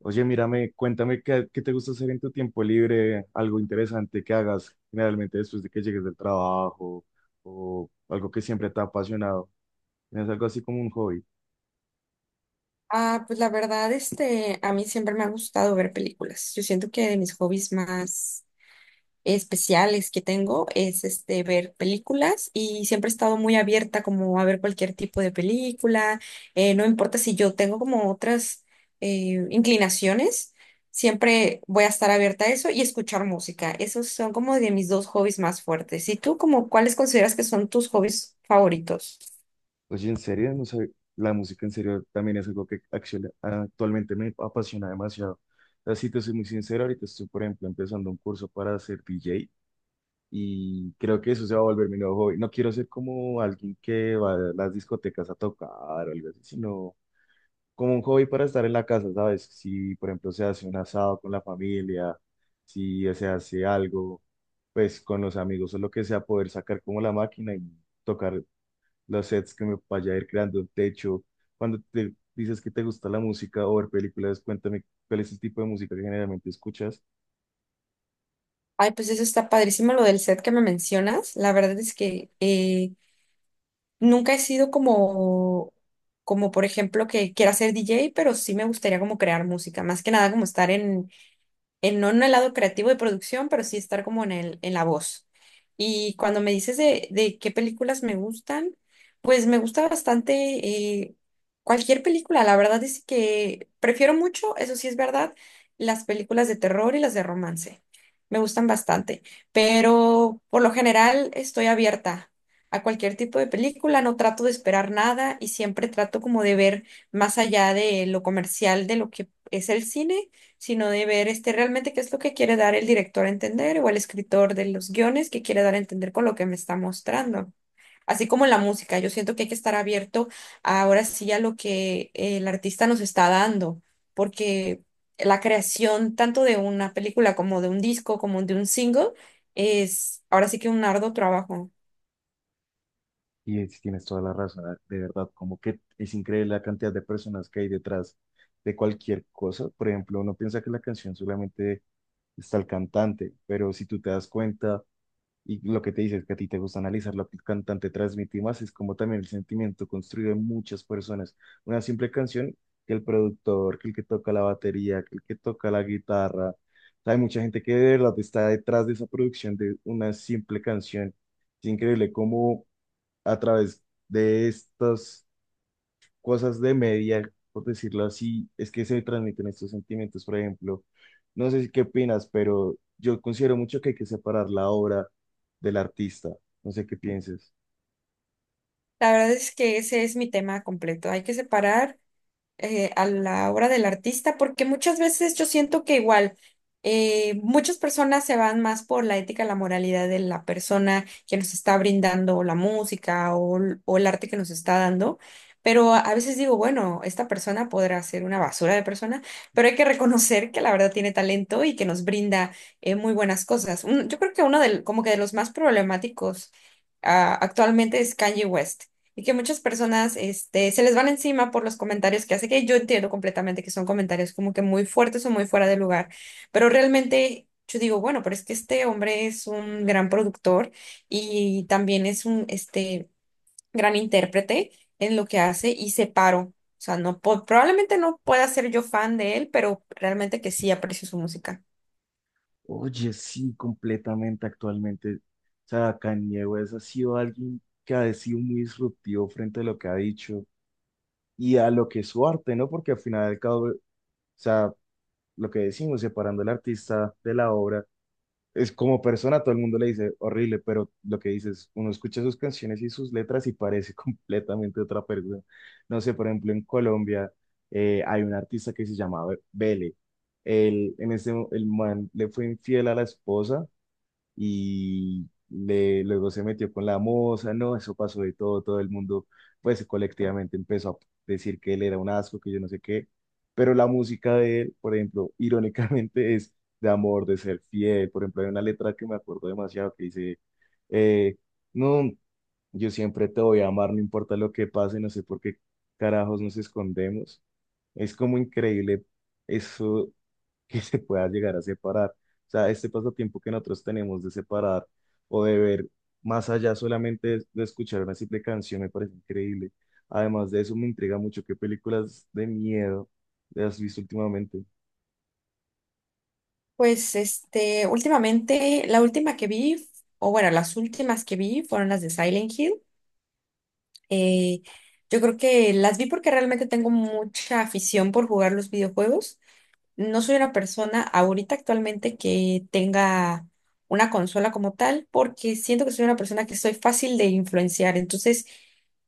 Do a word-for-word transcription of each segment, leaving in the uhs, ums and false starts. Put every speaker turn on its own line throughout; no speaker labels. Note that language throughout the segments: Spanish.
Oye, mírame, cuéntame qué, qué te gusta hacer en tu tiempo libre, algo interesante que hagas generalmente después de que llegues del trabajo o algo que siempre te ha apasionado. ¿Tienes algo así como un hobby?
Ah, pues la verdad, este, a mí siempre me ha gustado ver películas. Yo siento que de mis hobbies más especiales que tengo es este ver películas y siempre he estado muy abierta como a ver cualquier tipo de película. Eh, no importa si yo tengo como otras eh, inclinaciones, siempre voy a estar abierta a eso y escuchar música. Esos son como de mis dos hobbies más fuertes. ¿Y tú como cuáles consideras que son tus hobbies favoritos?
Oye, en serio, no sé, la música en serio también es algo que acciona- actualmente me apasiona demasiado. Así te soy muy sincero, ahorita estoy, por ejemplo, empezando un curso para ser D J y creo que eso se va a volver mi nuevo hobby. No quiero ser como alguien que va a las discotecas a tocar o algo así, sino como un hobby para estar en la casa, ¿sabes? Si, por ejemplo, se hace un asado con la familia, si se hace algo, pues con los amigos o lo que sea, poder sacar como la máquina y tocar los sets que me vaya a ir creando, de techo. Cuando te dices que te gusta la música o ver películas, cuéntame cuál es el tipo de música que generalmente escuchas.
Ay, pues eso está padrísimo lo del set que me mencionas. La verdad es que eh, nunca he sido como, como por ejemplo, que quiera ser D J, pero sí me gustaría como crear música, más que nada como estar en, en- no en el lado creativo de producción, pero sí estar como en el, en la voz. Y cuando me dices de, de qué películas me gustan, pues me gusta bastante eh, cualquier película. La verdad es que prefiero mucho, eso sí es verdad, las películas de terror y las de romance. Me gustan bastante, pero por lo general estoy abierta a cualquier tipo de película, no trato de esperar nada y siempre trato como de ver más allá de lo comercial, de lo que es el cine, sino de ver este, realmente qué es lo que quiere dar el director a entender o el escritor de los guiones que quiere dar a entender con lo que me está mostrando. Así como en la música, yo siento que hay que estar abierto ahora sí a lo que el artista nos está dando, porque la creación tanto de una película como de un disco, como de un single, es ahora sí que un arduo trabajo.
Y es- tienes toda la razón, ah, de verdad, como que es increíble la cantidad de personas que hay detrás de cualquier cosa. Por ejemplo, uno piensa que la canción solamente está el cantante, pero si tú te das cuenta y lo que te dices que a ti te gusta analizar lo que el cantante transmite y más, es como también el sentimiento construido en muchas personas. Una simple canción que el productor, que el que toca la batería, que el que toca la guitarra. Hay mucha gente que de verdad está detrás de esa producción de una simple canción. Es increíble cómo a través de estos cosas de media, por decirlo así, es que se transmiten estos sentimientos. Por ejemplo, no sé si qué opinas, pero yo considero mucho que hay que separar la obra del artista. No sé qué pienses.
La verdad es que ese es mi tema completo. Hay que separar eh, a la obra del artista, porque muchas veces yo siento que igual eh, muchas personas se van más por la ética, la moralidad de la persona que nos está brindando la música o, l- o el arte que nos está dando. Pero a a veces digo, bueno, esta persona podrá ser una basura de persona, pero hay que reconocer que la verdad tiene talento y que nos brinda eh, muy buenas cosas. Un- yo creo que uno del, como que de los más problemáticos ah, actualmente es Kanye West. Y que muchas personas, este, se les van encima por los comentarios que hace, que yo entiendo completamente que son comentarios como que muy fuertes o muy fuera de lugar, pero realmente yo digo, bueno, pero es que este hombre es un gran productor y también es un, este, gran intérprete en lo que hace y separo. O sea, no, po- probablemente no pueda ser yo fan de él, pero realmente que sí aprecio su música.
Oye, sí, completamente actualmente. O sea, Kanye West ha sido alguien que ha sido muy disruptivo frente a lo que ha dicho y a lo que es su arte, ¿no? Porque al final del cabo, o sea, lo que decimos, separando al artista de la obra, es como persona, todo el mundo le dice horrible, pero lo que dices, uno escucha sus canciones y sus letras y parece completamente otra persona. No sé, por ejemplo, en Colombia eh, hay un artista que se llamaba Bele. Él, en ese, el man le fue infiel a la esposa y le, luego se metió con la moza, no, eso pasó de todo, todo el mundo pues colectivamente empezó a decir que él era un asco, que yo no sé qué, pero la música de él, por ejemplo, irónicamente es de amor, de ser fiel. Por ejemplo, hay una letra que me acuerdo demasiado que dice, eh, no, yo siempre te voy a amar, no importa lo que pase, no sé por qué carajos nos escondemos. Es como increíble eso que se pueda llegar a separar. O sea, este pasatiempo que nosotros tenemos de separar o de ver más allá solamente de, de escuchar una simple canción me parece increíble. Además de eso, me intriga mucho qué películas de miedo has visto últimamente.
Pues, este, últimamente, la última que vi, o bueno, las últimas que vi fueron las de Silent Hill. Eh, yo creo que las vi porque realmente tengo mucha afición por jugar los videojuegos. No soy una persona ahorita actualmente que tenga una consola como tal, porque siento que soy una persona que soy fácil de influenciar. Entonces,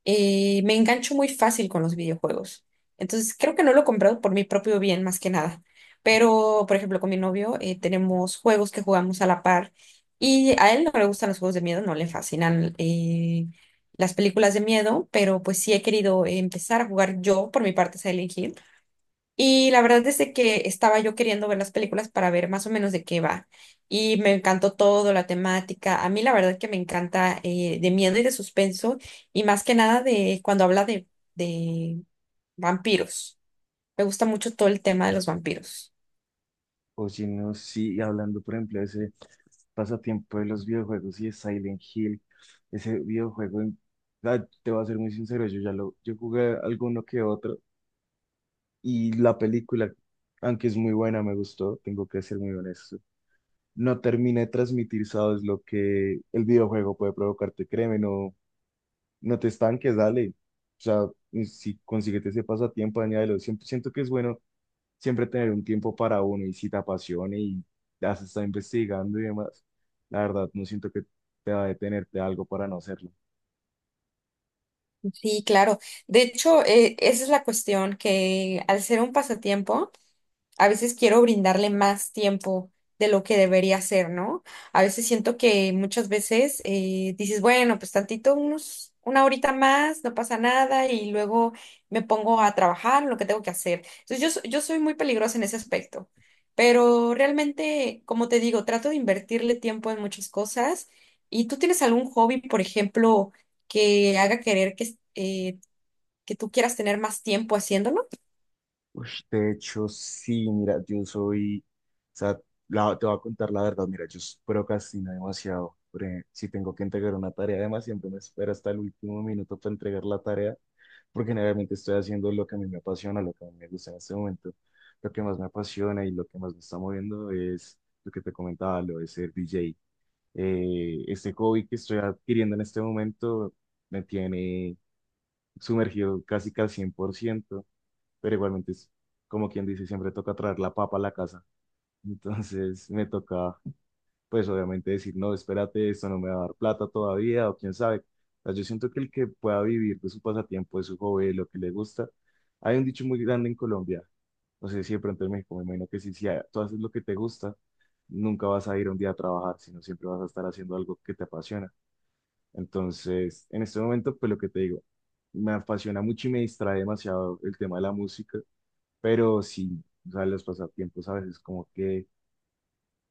eh, me engancho muy fácil con los videojuegos. Entonces, creo que no lo he comprado por mi propio bien, más que nada. Pero, por ejemplo, con mi novio eh, tenemos juegos que jugamos a la par y a él no le gustan los juegos de miedo, no le fascinan eh, las películas de miedo, pero pues sí he querido empezar a jugar yo por mi parte Silent Hill. Y la verdad es de que estaba yo queriendo ver las películas para ver más o menos de qué va. Y me encantó todo, la temática. A mí la verdad que me encanta eh, de miedo y de suspenso y más que nada de cuando habla de, de vampiros. Me gusta mucho todo el tema de los vampiros.
O si no, sí, hablando, por ejemplo, de ese pasatiempo de los videojuegos y de Silent Hill, ese videojuego, en- ah, te voy a ser muy sincero, yo ya lo, yo jugué alguno que otro y la película, aunque es muy buena, me gustó, tengo que ser muy honesto, no termina de transmitir, sabes, lo que el videojuego puede provocarte. Créeme, no, no te estanques, dale. O sea, si consíguete ese pasatiempo, añádelo. Siempre, siento que es bueno siempre tener un tiempo para uno y si te apasiona y has estado investigando y demás, la verdad, no siento que te va a detenerte algo para no hacerlo.
Sí, claro. De hecho, eh, esa es la cuestión que al ser un pasatiempo, a veces quiero brindarle más tiempo de lo que debería ser, ¿no? A veces siento que muchas veces eh, dices, bueno, pues tantito, unos, una horita más, no pasa nada, y luego me pongo a trabajar en lo que tengo que hacer. Entonces yo, so- yo soy muy peligrosa en ese aspecto, pero realmente, como te digo, trato de invertirle tiempo en muchas cosas. ¿Y tú tienes algún hobby, por ejemplo, que haga querer que, eh, que tú quieras tener más tiempo haciéndolo?
Ush, de hecho, sí, mira, yo soy, o sea, la- te voy a contar la verdad, mira, yo s- procrastino demasiado. Por ej- si tengo que entregar una tarea, además siempre me espero hasta el último minuto para entregar la tarea, porque generalmente estoy haciendo lo que a mí me apasiona, lo que a mí me gusta en este momento. Lo que más me apasiona y lo que más me está moviendo es lo que te comentaba, lo de ser D J. Eh, este hobby que estoy adquiriendo en este momento me tiene sumergido casi que al cien por ciento, pero igualmente es como quien dice, siempre toca traer la papa a la casa. Entonces me toca, pues obviamente decir, no, espérate, esto no me va a dar plata todavía, o quién sabe. O sea, yo siento que el que pueda vivir de su pasatiempo, de su hobby, de lo que le gusta, hay un dicho muy grande en Colombia, no sé si de pronto en México, me imagino que si, si a- tú haces lo que te gusta, nunca vas a ir un día a trabajar, sino siempre vas a estar haciendo algo que te apasiona. Entonces, en este momento, pues lo que te digo, me apasiona mucho y me distrae demasiado el tema de la música, pero sí, o sea, los pasatiempos a veces como que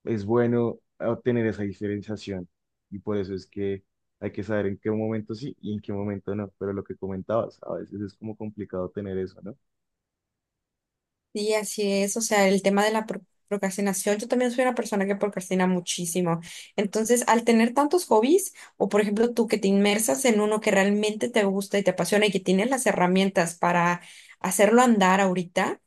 es bueno obtener esa diferenciación y por eso es que hay que saber en qué momento sí y en qué momento no, pero lo que comentabas, a veces es como complicado tener eso, ¿no?
Sí, así es. O sea, el tema de la pro- procrastinación, yo también soy una persona que procrastina muchísimo. Entonces, al tener tantos hobbies, o por ejemplo tú que te inmersas en uno que realmente te gusta y te apasiona y que tienes las herramientas para hacerlo andar ahorita,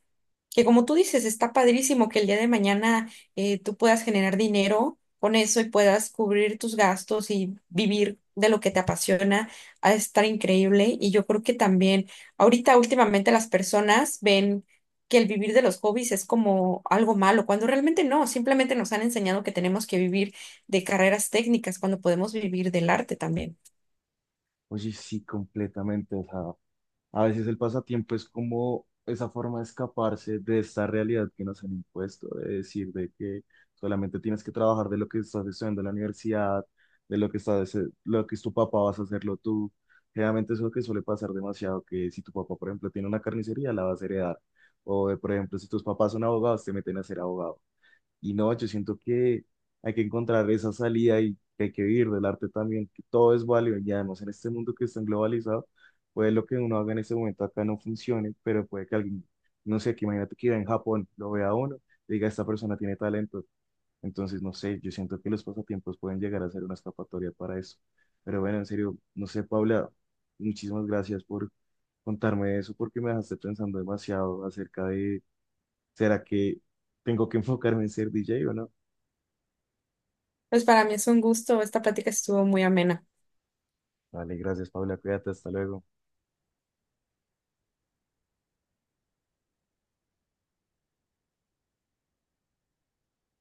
que como tú dices, está padrísimo que el día de mañana eh, tú puedas generar dinero con eso y puedas cubrir tus gastos y vivir de lo que te apasiona, ha de estar increíble. Y yo creo que también ahorita últimamente las personas ven que el vivir de los hobbies es como algo malo, cuando realmente no, simplemente nos han enseñado que tenemos que vivir de carreras técnicas, cuando podemos vivir del arte también.
Oye, sí, completamente, o sea, a veces el pasatiempo es como esa forma de escaparse de esta realidad que nos han impuesto, de decir de que solamente tienes que trabajar de lo que estás estudiando en la universidad, de lo que estás, eh, lo que es tu papá, vas a hacerlo tú. Generalmente eso es lo que suele pasar demasiado, que si tu papá, por ejemplo, tiene una carnicería, la vas a heredar. O, de, por ejemplo, si tus papás son abogados, te meten a ser abogado. Y no, yo siento que hay que encontrar esa salida y que hay que vivir del arte también, que todo es válido. Y además en este mundo que está globalizado, puede lo que uno haga en este momento acá no funcione, pero puede que alguien, no sé, que imagínate que viva en Japón, lo vea uno, diga, esta persona tiene talento. Entonces, no sé, yo siento que los pasatiempos pueden llegar a ser una escapatoria para eso. Pero bueno, en serio, no sé, Paula, muchísimas gracias por contarme eso, porque me dejaste pensando demasiado acerca de, ¿será que tengo que enfocarme en ser D J o no?
Pues para mí es un gusto, esta plática estuvo muy amena.
Vale, gracias, Paula. Cuídate, hasta luego.